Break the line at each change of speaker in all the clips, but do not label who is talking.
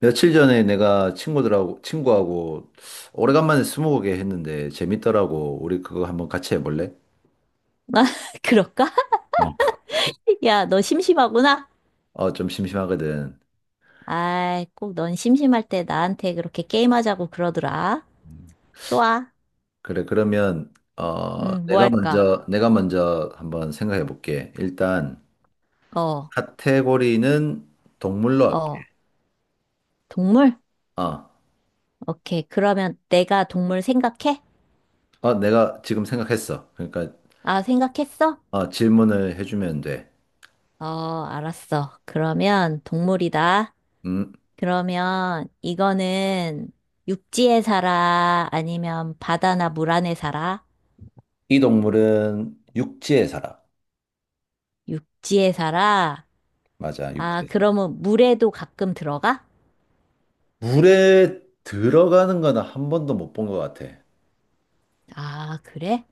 며칠 전에 내가 친구하고 오래간만에 스무고개 했는데 재밌더라고. 우리 그거 한번 같이 해볼래?
아, 그럴까?
어,
야, 너 심심하구나?
어, 좀 심심하거든.
아이, 꼭 넌 심심할 때 나한테 그렇게 게임하자고 그러더라. 좋아.
그래, 그러면,
뭐 할까?
내가 먼저 한번 생각해 볼게. 일단,
어,
카테고리는 동물로 할게.
어, 동물?
어,
오케이. 그러면 내가 동물 생각해?
어, 내가 지금 생각했어. 그러니까,
아, 생각했어?
어, 질문을 해주면 돼.
어, 알았어. 그러면 동물이다.
음,
그러면 이거는 육지에 살아? 아니면 바다나 물 안에 살아?
이 동물은 육지에 살아.
육지에 살아?
맞아,
아,
육지에 살아.
그러면 물에도 가끔 들어가?
물에 들어가는 거는 한 번도 못 본 것 같아.
아, 그래?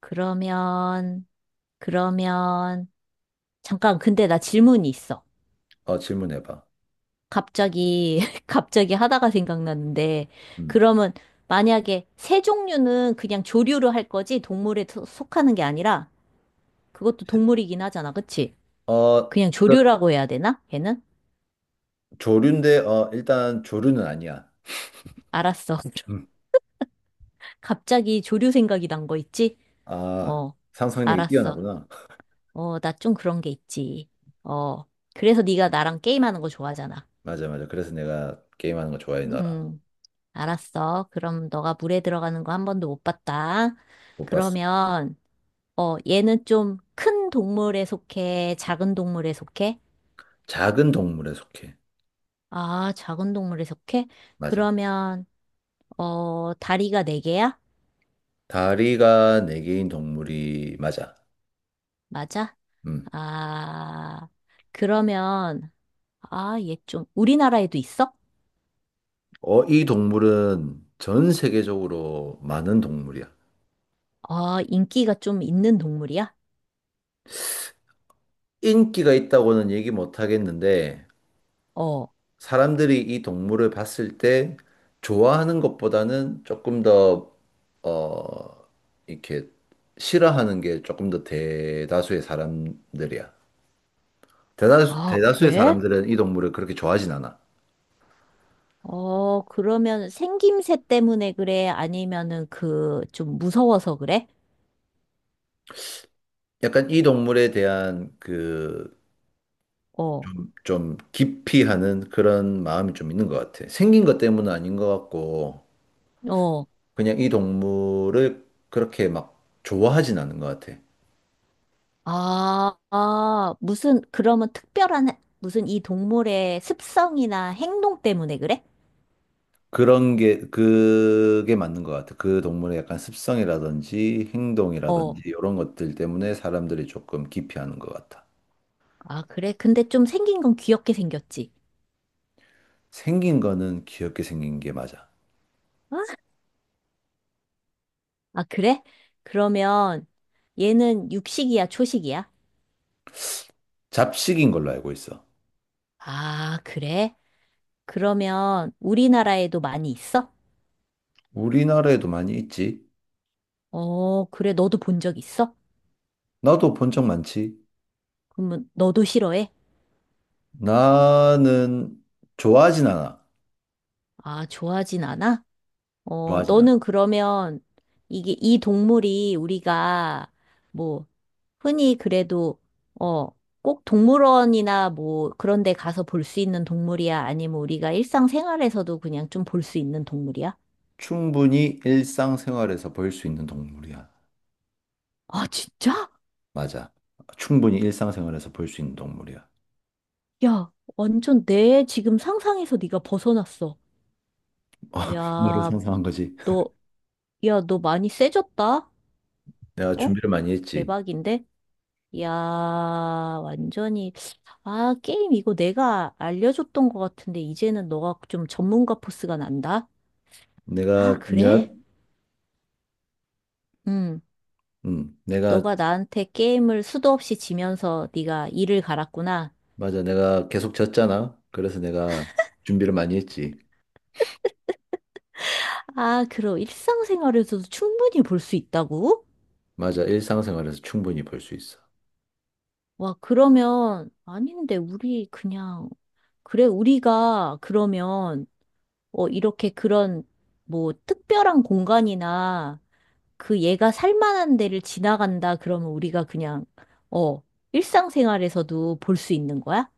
그러면, 그러면, 잠깐, 근데 나 질문이 있어.
어, 질문해봐.
갑자기, 갑자기 하다가 생각났는데,
음.
그러면 만약에 새 종류는 그냥 조류로 할 거지, 동물에 속하는 게 아니라, 그것도 동물이긴 하잖아, 그치?
어,
그냥 조류라고 해야 되나? 걔는?
조류인데, 어, 일단 조류는 아니야.
알았어.
음.
갑자기 조류 생각이 난 거 있지?
아,
어,
상상력이
알았어.
뛰어나구나.
어, 나 좀 그런 게 있지. 어, 그래서 네가 나랑 게임하는 거 좋아하잖아.
맞아, 맞아. 그래서 내가 게임하는 거 좋아해, 너랑.
음. 알았어. 그럼 너가 물에 들어가는 거 한 번도 못 봤다.
못 봤어.
그러면, 얘는 좀 큰 동물에 속해? 작은 동물에 속해?
작은 동물에 속해.
아, 작은 동물에 속해?
맞아.
그러면, 다리가 네 개야?
다리가 네 개인 동물이 맞아.
맞아?
음.
아, 그러면, 아, 얘 좀, 우리나라에도 있어?
어, 이 동물은 전 세계적으로 많은 동물이야.
아, 인기가 좀 있는 동물이야?
인기가 있다고는 얘기 못 하겠는데,
어,
사람들이 이 동물을 봤을 때 좋아하는 것보다는 조금 더, 어, 이렇게 싫어하는 게 조금 더 대다수의 사람들이야.
아,
대다수의
그래?
사람들은 이 동물을 그렇게 좋아하진 않아.
어, 그러면 생김새 때문에 그래? 아니면은 그, 좀 무서워서 그래?
약간 이 동물에 대한 그,
어,
좀 깊이 하는 그런 마음이 좀 있는 것 같아. 생긴 것 때문은 아닌 것 같고,
어.
그냥 이 동물을 그렇게 막 좋아하진 않은 것 같아.
아, 아, 무슨, 그러면 특별한, 무슨 이 동물의 습성이나 행동 때문에 그래?
그게 맞는 것 같아. 그 동물의 약간 습성이라든지
어,
행동이라든지 이런 것들 때문에 사람들이 조금 기피하는 것 같아.
아, 그래? 근데 좀 생긴 건 귀엽게 생겼지.
생긴 거는 귀엽게 생긴 게 맞아.
어? 아, 그래? 그러면 얘는 육식이야, 초식이야?
잡식인 걸로 알고 있어.
아, 그래? 그러면 우리나라에도 많이 있어?
우리나라에도 많이 있지.
어, 그래. 너도 본 적 있어?
나도 본 적 많지.
그러면 너도 싫어해?
나는 좋아하진 않아.
아, 좋아하진 않아? 어,
좋아하진 않아.
너는 그러면 이게 이 동물이 우리가 뭐 흔히 그래도 어, 꼭 동물원이나 뭐 그런 데 가서 볼 수 있는 동물이야? 아니면 우리가 일상생활에서도 그냥 좀 볼 수 있는 동물이야?
충분히 일상생활에서 볼 수 있는 동물이야.
아, 진짜?
맞아. 충분히 일상생활에서 볼 수 있는 동물이야.
야, 완전 내 지금 상상에서 네가 벗어났어.
뭐를
야,
상상한 거지?
너, 야, 너 많이 세졌다?
내가
어?
준비를 많이 했지.
대박인데? 야, 완전히, 아, 게임 이거 내가 알려줬던 것 같은데, 이제는 너가 좀 전문가 포스가 난다? 아,
내가
그래?
몇,
응.
내가
너가 나한테 게임을 수도 없이 지면서 네가 이를 갈았구나.
맞아. 내가 계속 졌잖아. 그래서 내가 준비를 많이 했지.
아, 그럼 일상생활에서도 충분히 볼 수 있다고?
맞아. 일상생활에서 충분히 볼 수 있어.
와, 그러면, 아닌데, 우리 그냥, 그래, 우리가 그러면, 이렇게 그런, 뭐, 특별한 공간이나, 그 얘가 살만한 데를 지나간다 그러면 우리가 그냥 어 일상생활에서도 볼 수 있는 거야?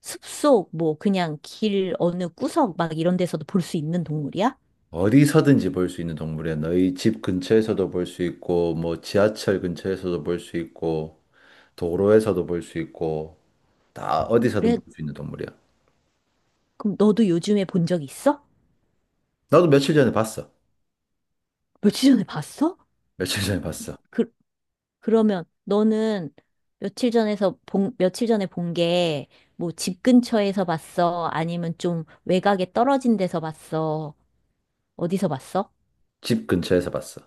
숲속 뭐 그냥 길 어느 구석 막 이런 데서도 볼 수 있는 동물이야?
어디서든지 볼 수 있는 동물이야. 너희 집 근처에서도 볼 수 있고, 뭐 지하철 근처에서도 볼 수 있고, 도로에서도 볼 수 있고, 다 어디서든
그래,
볼 수 있는 동물이야.
그럼 너도 요즘에 본 적 있어?
나도 며칠 전에 봤어.
며칠 전에 봤어?
며칠 전에 봤어.
그 그러면 너는 며칠 전에 본 게 뭐 집 근처에서 봤어? 아니면 좀 외곽에 떨어진 데서 봤어? 어디서 봤어?
집 근처에서 봤어.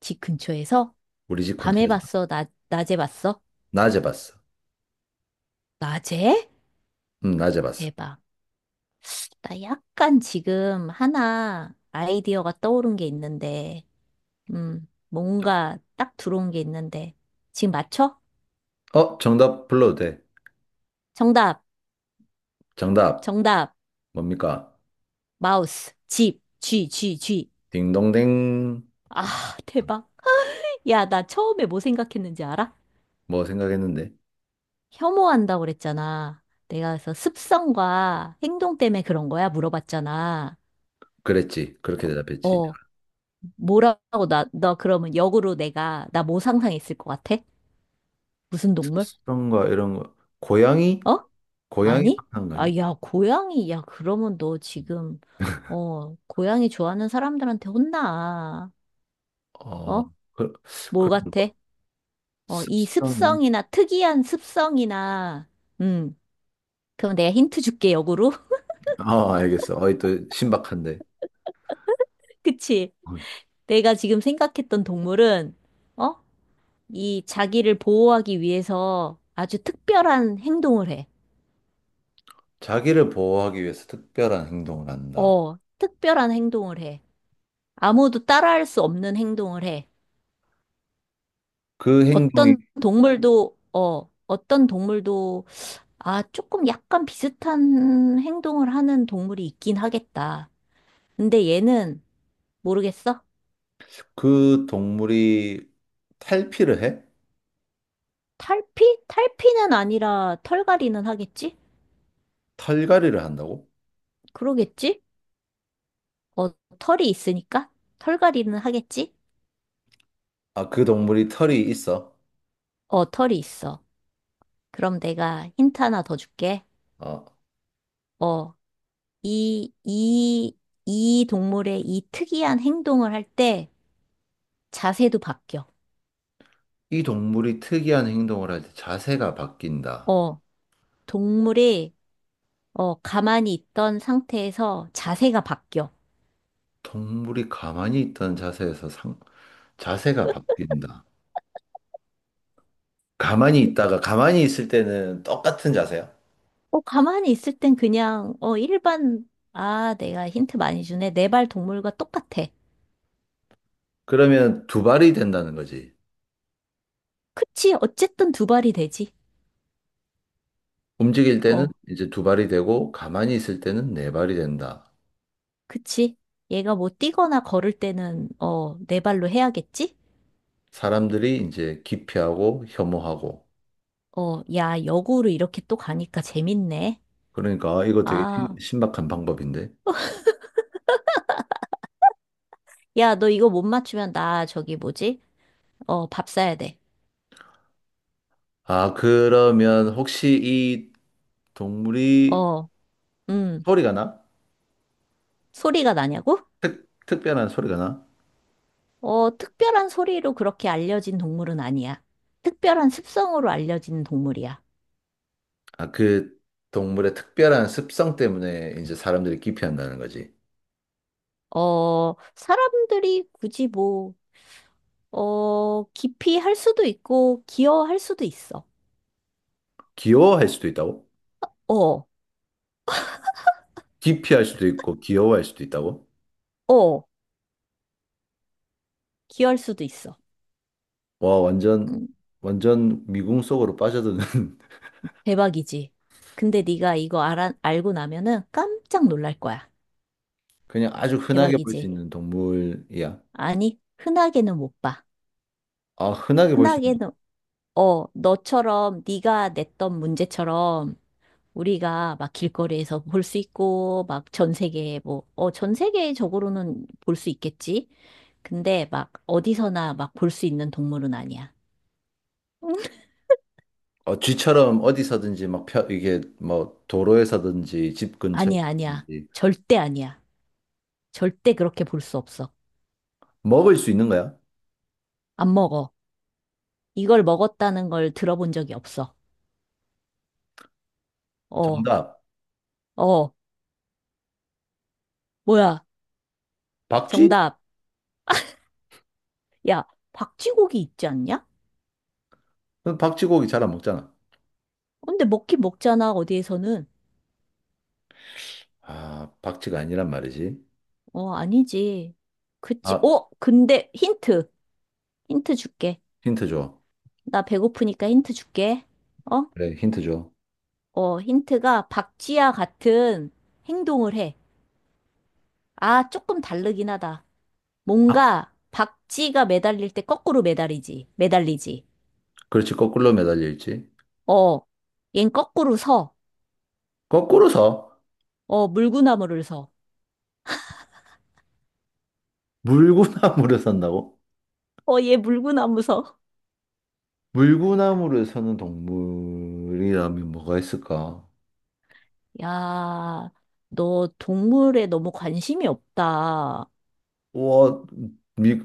집 근처에서?
우리 집
밤에
근처에서 봤어.
봤어? 낮 낮에 봤어?
낮에 봤어.
낮에?
응 낮에 봤어.
대박. 나 약간 지금 하나 아이디어가 떠오른 게 있는데, 뭔가 딱 들어온 게 있는데, 지금 맞춰?
어, 정답 불러도 돼.
정답,
정답
정답,
뭡니까?
마우스, 집, 쥐, 쥐, 쥐.
딩동댕.
아, 대박. 야, 나 처음에 뭐 생각했는지 알아?
뭐 생각했는데?
혐오한다고 그랬잖아. 내가 그래서 습성과 행동 때문에 그런 거야? 물어봤잖아.
그랬지, 그렇게
어,
대답했지.
어, 뭐라고 나, 너 그러면 역으로 내가, 나 뭐 상상했을 것 같아? 무슨 동물?
습성과 이런 거, 고양이.
어?
고양이
아니?
상상한 거 아니야?
아, 야, 고양이. 야, 그러면 너 지금, 고양이 좋아하는 사람들한테 혼나.
어,
어?
그,
뭘
그런
같아?
거.
어, 이
습성이요?
습성이나, 특이한 습성이나, 음, 그럼 내가 힌트 줄게, 역으로.
아, 알겠어. 어이, 또 신박한데.
그치?
어.
내가 지금 생각했던 동물은, 어? 이 자기를 보호하기 위해서 아주 특별한 행동을 해.
자기를 보호하기 위해서 특별한 행동을 한다.
어, 특별한 행동을 해. 아무도 따라할 수 없는 행동을 해.
그 행동이,
어떤 동물도, 아, 조금 약간 비슷한 행동을 하는 동물이 있긴 하겠다. 근데 얘는 모르겠어?
그 동물이 탈피를 해?
탈피? 탈피는 아니라 털갈이는 하겠지?
털갈이를 한다고?
그러겠지? 어, 털이 있으니까? 털갈이는 하겠지?
아, 그 동물이 털이 있어?
어, 털이 있어. 그럼 내가 힌트 하나 더 줄게.
아,
어, 이, 이, 이 동물의 이 특이한 행동을 할 때 자세도 바뀌어.
이 동물이 특이한 행동을 할 때 자세가 바뀐다.
어, 동물이 가만히 있던 상태에서 자세가 바뀌어.
동물이 가만히 있던 자세에서 상, 자세가 바뀐다. 가만히 있다가 가만히 있을 때는 똑같은 자세야.
어, 가만히 있을 땐 그냥, 아, 내가 힌트 많이 주네. 네 발 동물과 똑같아.
그러면 두 발이 된다는 거지.
그치? 어쨌든 두 발이 되지.
움직일 때는
어,
이제 두 발이 되고 가만히 있을 때는 네 발이 된다.
그치? 얘가 뭐 뛰거나 걸을 때는, 네 발로 해야겠지?
사람들이 이제 기피하고 혐오하고.
어, 야, 역으로 이렇게 또 가니까 재밌네.
그러니까 아, 이거 되게
아,
신박한 방법인데.
야, 너 이거 못 맞추면 나 저기 뭐지? 어, 밥 사야 돼.
아, 그러면 혹시 이 동물이
어, 음,
소리가 나?
소리가 나냐고?
특별한 소리가 나?
어, 특별한 소리로 그렇게 알려진 동물은 아니야. 특별한 습성으로 알려진 동물이야.
아, 그 동물의 특별한 습성 때문에 이제 사람들이 기피한다는 거지.
어, 사람들이 굳이 뭐, 기피할 수도 있고, 기어할 수도 있어.
귀여워할 수도 있다고?
어,
기피할 수도 있고 귀여워할 수도 있다고?
어, 기어할 수도 있어.
와, 완전,
음,
완전 미궁 속으로 빠져드는.
대박이지. 근데 네가 이거 알고 나면은 깜짝 놀랄 거야.
그냥 아주 흔하게 볼 수
대박이지.
있는 동물이야.
아니, 흔하게는 못 봐.
아, 흔하게 볼 수 있는
흔하게는, 너처럼 네가 냈던 문제처럼 우리가 막 길거리에서 볼 수 있고, 막 전 세계에 뭐, 어, 전 세계적으로는 볼 수 있겠지? 근데 막 어디서나 막 볼 수 있는 동물은 아니야.
어, 쥐처럼 어디서든지 막 펴, 이게 뭐 도로에서든지 집
아니야, 아니야.
근처에서든지.
절대 아니야. 절대 그렇게 볼 수 없어.
먹을 수 있는 거야?
안 먹어. 이걸 먹었다는 걸 들어본 적이 없어. 어,
정답.
어, 뭐야.
박쥐?
정답. 야, 박쥐고기 있지 않냐?
그럼 박쥐 고기 잘 안 먹잖아.
근데 먹긴 먹잖아, 어디에서는.
아, 박쥐가 아니란 말이지.
어, 아니지. 그치.
아,
어, 근데 힌트. 힌트 줄게.
힌트 줘.
나 배고프니까 힌트 줄게. 어?
그래, 힌트 줘.
어, 힌트가 박쥐와 같은 행동을 해. 아, 조금 다르긴 하다.
박-
뭔가 박쥐가 매달릴 때 거꾸로 매달리지. 매달리지.
그렇지, 거꾸로 매달려 있지.
어, 얜 거꾸로 서.
거꾸로 서.
어, 물구나무를 서.
물구나무를 산다고?
어, 얘 물구나무 서.
물구나무를 사는 동물이라면 뭐가 있을까?
야, 너 동물에 너무 관심이 없다.
와, 미,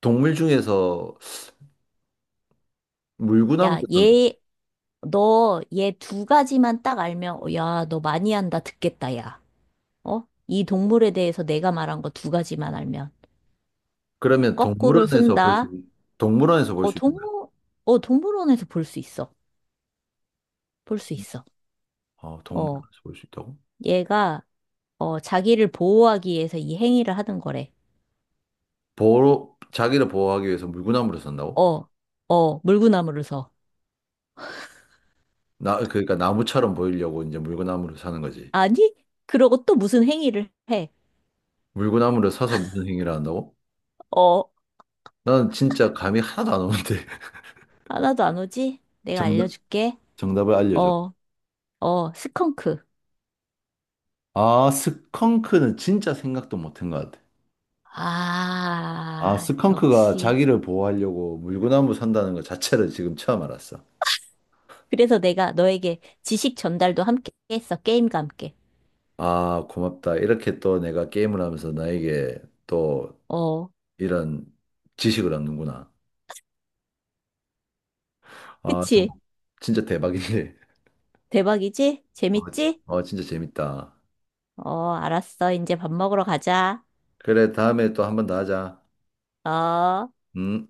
동물 중에서 물구나무를
야,
사는.
얘, 너 얘 두 가지만 딱 알면, 야, 너 많이 한다. 듣겠다, 야. 어? 이 동물에 대해서 내가 말한 거 두 가지만 알면.
그러면
거꾸로
동물원에서 볼 수,
쓴다.
동물원에서 볼
어,
수 있는 거야?
동물원에서 볼 수 있어. 볼 수 있어.
아,
어,
동물원에서 볼 수 있다고?
얘가, 자기를 보호하기 위해서 이 행위를 하는 거래.
보호, 자기를 보호하기 위해서 물구나무를 산다고?
어, 어, 물구나무를 서.
나, 그러니까 나무처럼 보이려고 이제 물구나무를 사는 거지.
아니? 그러고 또 무슨 행위를 해.
물구나무를 사서 무슨 행위를 한다고?
어,
나는 진짜 감이 하나도 안 오는데.
하나도 안 오지? 내가
정답,
알려줄게.
정답을 알려줘.
어, 어, 스컹크.
아, 스컹크는 진짜 생각도 못한 것 같아. 아,
아,
스컹크가
역시.
자기를 보호하려고 물구나무 선다는 것 자체를 지금 처음 알았어.
그래서 내가 너에게 지식 전달도 함께 했어. 게임과 함께.
아, 고맙다. 이렇게 또 내가 게임을 하면서 나에게 또
어.
이런 지식을 얻는구나. 아,
그치?
정말 진짜 대박이네.
대박이지?
어,
재밌지?
진짜 재밌다.
어, 알았어. 이제 밥 먹으러 가자.
그래, 다음에 또 한 번 더 하자.
어.
음.